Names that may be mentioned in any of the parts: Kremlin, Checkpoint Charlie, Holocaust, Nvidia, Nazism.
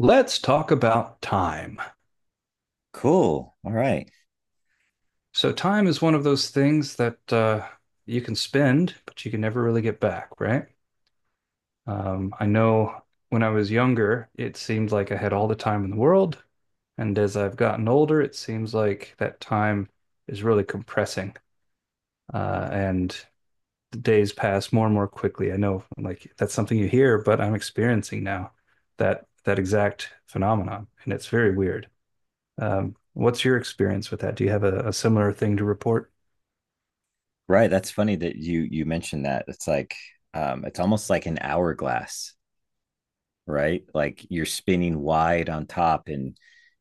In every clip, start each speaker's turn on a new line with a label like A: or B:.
A: Let's talk about time.
B: Cool. All right.
A: So, time is one of those things that you can spend, but you can never really get back, right? I know when I was younger, it seemed like I had all the time in the world. And as I've gotten older, it seems like that time is really compressing. And the days pass more and more quickly. I know like that's something you hear, but I'm experiencing now that exact phenomenon, and it's very weird. What's your experience with that? Do you have a similar thing to report?
B: Right. That's funny that you mentioned that. It's like it's almost like an hourglass, right? Like you're spinning wide on top and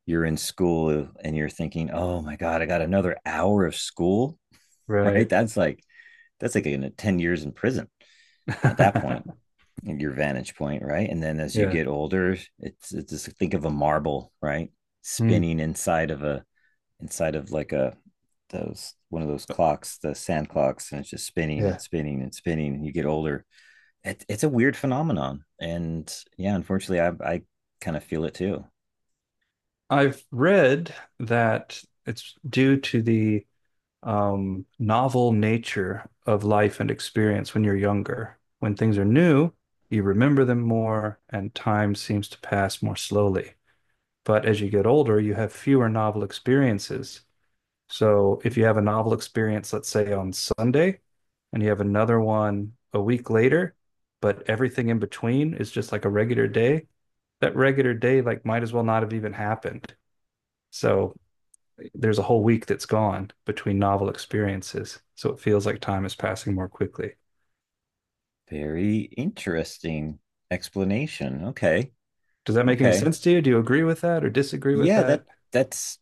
B: you're in school and you're thinking, "Oh my God, I got another hour of school." Right?
A: Right.
B: That's like in a 10 years in prison at that point, at your vantage point, right? And then as you
A: Yeah.
B: get older, it's just think of a marble, right?
A: Hmm.
B: Spinning inside of a inside of like a those one of those clocks, the sand clocks, and it's just spinning and
A: Yeah.
B: spinning and spinning. And you get older. It's a weird phenomenon, and yeah, unfortunately, I kind of feel it too.
A: I've read that it's due to the novel nature of life and experience when you're younger. When things are new, you remember them more, and time seems to pass more slowly. But as you get older, you have fewer novel experiences. So if you have a novel experience, let's say on Sunday, and you have another one a week later, but everything in between is just like a regular day, that regular day like might as well not have even happened. So there's a whole week that's gone between novel experiences. So it feels like time is passing more quickly.
B: Very interesting explanation. Okay,
A: Does that make any
B: okay,
A: sense to you? Do you agree with that or disagree with
B: yeah
A: that?
B: that's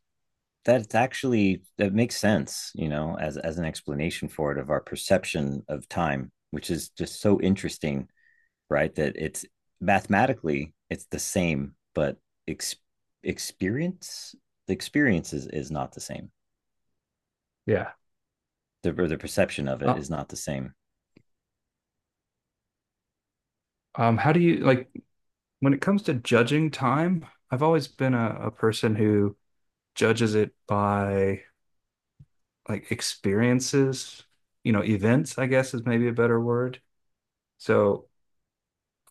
B: that's actually that makes sense. You know, as an explanation for it of our perception of time, which is just so interesting right? That it's mathematically it's the same, but ex- experience the experience is not the same.
A: Yeah.
B: The or the perception of it
A: Uh,
B: is not the same.
A: how do you like when it comes to judging time? I've always been a person who judges it by like experiences, you know, events, I guess is maybe a better word. So,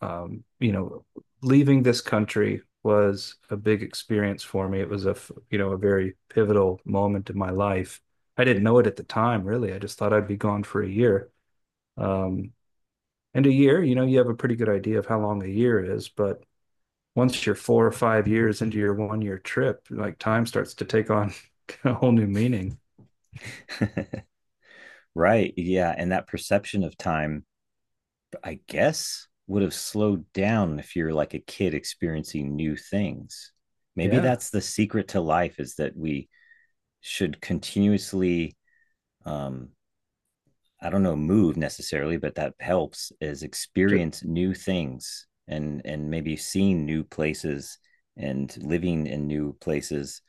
A: you know, leaving this country was a big experience for me. It was you know, a very pivotal moment in my life. I didn't know it at the time, really. I just thought I'd be gone for a year. Um, and a year, you know, you have a pretty good idea of how long a year is, but once you're 4 or 5 years into your 1 year trip, like time starts to take on a whole new meaning.
B: Right. Yeah. And that perception of time, I guess, would have slowed down if you're like a kid experiencing new things. Maybe
A: Yeah.
B: that's the secret to life is that we should continuously um, I don't know move necessarily, but that helps is
A: Ju-
B: experience new things and maybe seeing new places and living in new places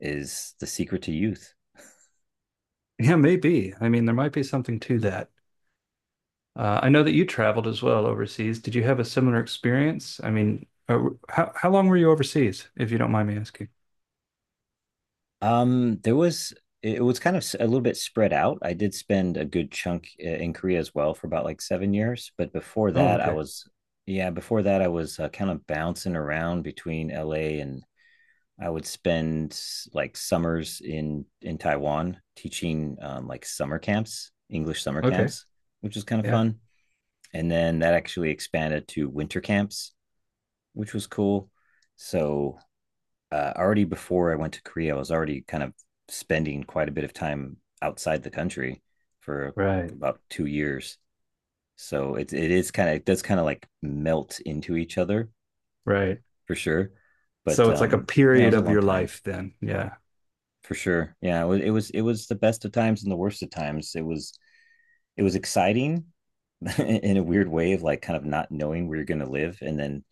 B: is the secret to youth.
A: Yeah, maybe. I mean, there might be something to that. I know that you traveled as well overseas. Did you have a similar experience? I mean, how long were you overseas, if you don't mind me asking?
B: There was it was kind of a little bit spread out. I did spend a good chunk in Korea as well for about like 7 years, but before
A: Oh,
B: that, I
A: okay.
B: was yeah, before that I was kind of bouncing around between LA and I would spend like summers in Taiwan teaching like summer camps, English summer
A: Okay.
B: camps, which was kind of
A: Yeah.
B: fun. And then that actually expanded to winter camps, which was cool. So already before I went to Korea, I was already kind of spending quite a bit of time outside the country for
A: Right.
B: about 2 years. So it is kind of it does kind of like melt into each other
A: Right.
B: for sure. But
A: So it's like a
B: yeah, it
A: period
B: was a
A: of
B: long
A: your
B: time
A: life then. Yeah.
B: for sure. Yeah, it was the best of times and the worst of times. It was exciting in a weird way of like kind of not knowing where you're going to live and then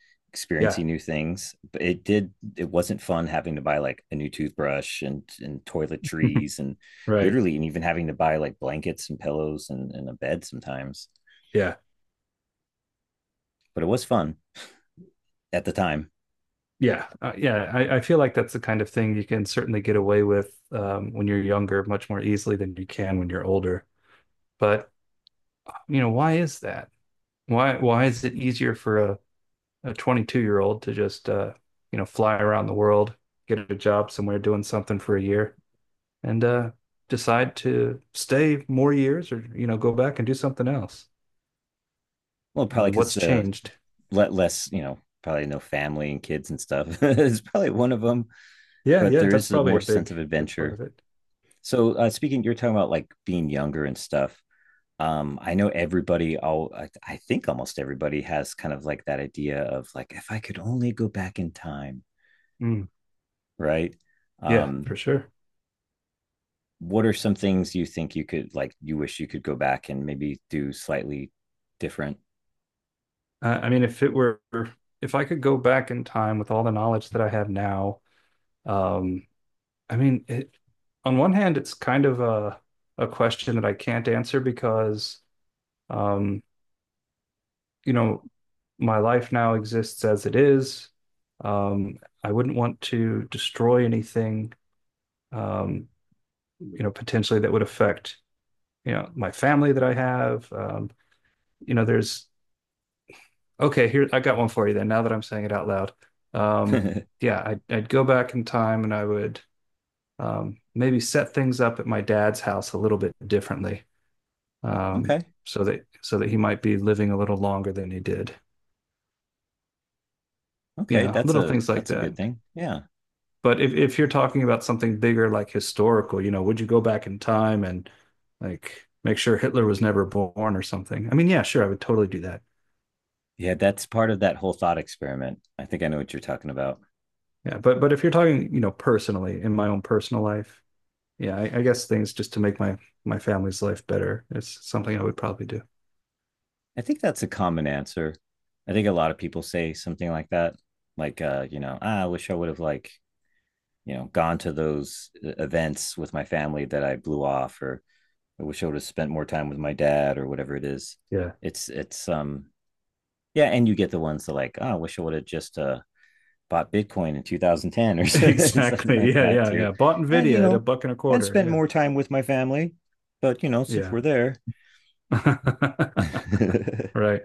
A: Yeah.
B: experiencing new things but it wasn't fun having to buy like a new toothbrush and toiletries and
A: Right.
B: literally and even having to buy like blankets and pillows and a bed sometimes
A: Yeah.
B: but it was fun at the time
A: Yeah. Yeah. I feel like that's the kind of thing you can certainly get away with when you're younger much more easily than you can when you're older. But, you know, why is that? Why is it easier for a 22-year-old to just you know fly around the world, get a job somewhere doing something for a year, and decide to stay more years or you know go back and do something else.
B: well
A: I
B: probably
A: mean, what's
B: because
A: changed?
B: let less you know probably no family and kids and stuff is probably one of them
A: Yeah,
B: but
A: yeah,
B: there
A: that's
B: is a
A: probably a
B: more sense
A: big
B: of
A: big part
B: adventure.
A: of it.
B: So you're talking about like being younger and stuff. I know everybody. All I think almost everybody has kind of like that idea of like if I could only go back in time,
A: Mm,
B: right?
A: yeah,
B: Um,
A: for sure.
B: what are some things you think you could like you wish you could go back and maybe do slightly different?
A: I mean, if it were if I could go back in time with all the knowledge that I have now, um, I mean, on one hand, it's kind of a question that I can't answer because um, you know, my life now exists as it is. Um, I wouldn't want to destroy anything, um, you know, potentially that would affect, you know, my family that I have. You know, there's okay, here I got one for you then, now that I'm saying it out loud. Um, yeah, I'd go back in time and I would maybe set things up at my dad's house a little bit differently. Um,
B: Okay,
A: so that he might be living a little longer than he did. You
B: okay,
A: know, little things like
B: that's a good
A: that.
B: thing. Yeah,
A: But if you're talking about something bigger, like historical, you know, would you go back in time and like make sure Hitler was never born or something? I mean, yeah, sure, I would totally do that.
B: yeah, that's part of that whole thought experiment. I think I know what you're talking about.
A: Yeah, but if you're talking, you know, personally in my own personal life, yeah, I guess things just to make my my family's life better is something I would probably do.
B: I think that's a common answer. I think a lot of people say something like that, like you know, ah, I wish I would have like you know gone to those events with my family that I blew off, or I wish I would have spent more time with my dad, or whatever it is.
A: Yeah,
B: It's yeah, and you get the ones that like, oh, I wish I would have just bought Bitcoin in 2010 or something
A: exactly.
B: like
A: Yeah,
B: that
A: yeah,
B: too,
A: yeah. Bought
B: and you
A: Nvidia at a
B: know,
A: buck and a
B: and spent
A: quarter.
B: more time with my family. But you know, since
A: Yeah,
B: we're there,
A: yeah. Right.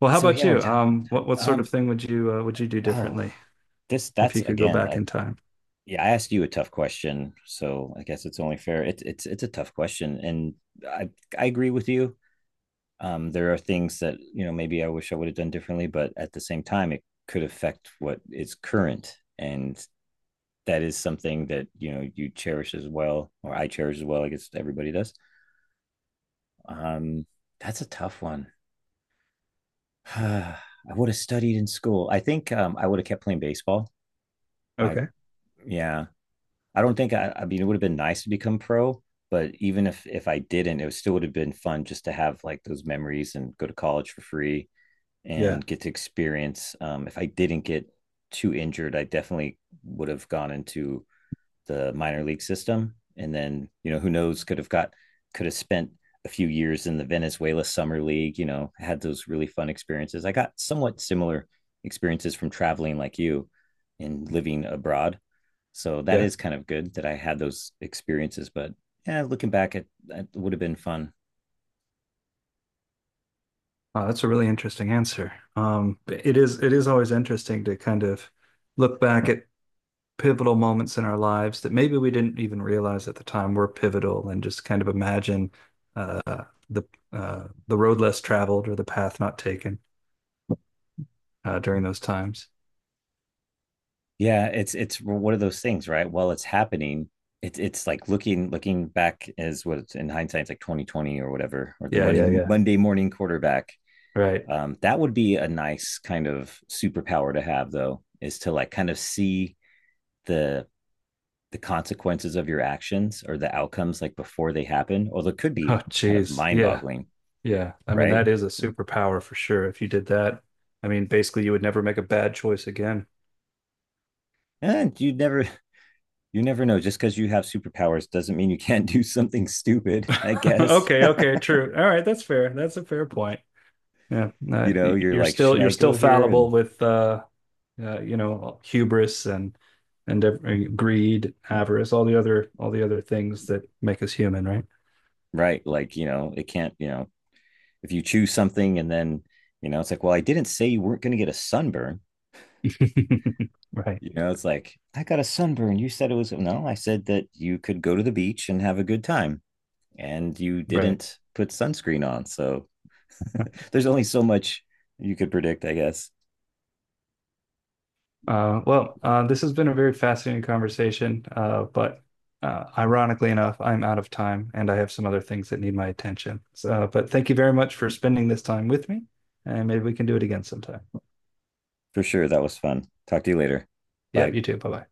A: Well, how
B: so
A: about
B: yeah, we're
A: you?
B: talking about time.
A: What sort of thing would you do
B: Oh,
A: differently
B: this
A: if
B: that's
A: you could go
B: again.
A: back
B: I
A: in time?
B: yeah, I asked you a tough question, so I guess it's only fair. It's a tough question, and I I agree with you. There are things that you know maybe I wish I would have done differently, but at the same time, it could affect what is current, and that is something that you know you cherish as well, or I cherish as well. I guess everybody does. Um, that's a tough one. I would have studied in school. I think I would have kept playing baseball. I
A: Okay.
B: yeah, I don't think I mean, it would have been nice to become pro, but even if I didn't, it still would have been fun just to have like those memories and go to college for free
A: Yeah,
B: and get to experience. If I didn't get too injured, I definitely would have gone into the minor league system, and then you know who knows could have spent a few years in the Venezuela summer league. You know, had those really fun experiences. I got somewhat similar experiences from traveling like you and living abroad so that
A: yeah.
B: is kind of good that I had those experiences. But yeah, looking back, it would have been fun.
A: Wow, that's a really interesting answer. It is always interesting to kind of look back at pivotal moments in our lives that maybe we didn't even realize at the time were pivotal, and just kind of imagine uh, the the road less traveled or the path not taken during those times.
B: Yeah, it's one of those things, right? While it's happening, it's like looking back as what it's in hindsight, it's like 2020 whatever, or the
A: Yeah,
B: money
A: yeah, yeah.
B: Monday morning quarterback.
A: Right.
B: That would be a nice kind of superpower to have, though, is to like kind of see the the consequences of your actions or the outcomes like before they happen. Although it could
A: Oh,
B: be kind of
A: geez.
B: mind
A: Yeah,
B: boggling,
A: yeah. I mean,
B: right?
A: that is a superpower for sure. If you did that, I mean, basically, you would never make a bad choice again.
B: And you never know just because you have superpowers doesn't mean you can't do something stupid I guess.
A: Okay, okay, true. All right, that's fair. That's a fair point. Yeah,
B: You know you're like should
A: you're
B: I
A: still
B: go here and
A: fallible with you know hubris and and greed, avarice, all the other things that make us human, right?
B: right like you know it can't you know if you choose something and then you know it's like well I didn't say you weren't going to get a sunburn
A: Right,
B: you know it's like I got a sunburn you said it was no I said that you could go to the beach and have a good time and you
A: right.
B: didn't put sunscreen on so there's only so much you could predict I guess
A: This has been a very fascinating conversation, but ironically enough, I'm out of time and I have some other things that need my attention. So, but thank you very much for spending this time with me, and maybe we can do it again sometime.
B: for sure that was fun talk to you later
A: Yeah,
B: bye
A: you too. Bye bye.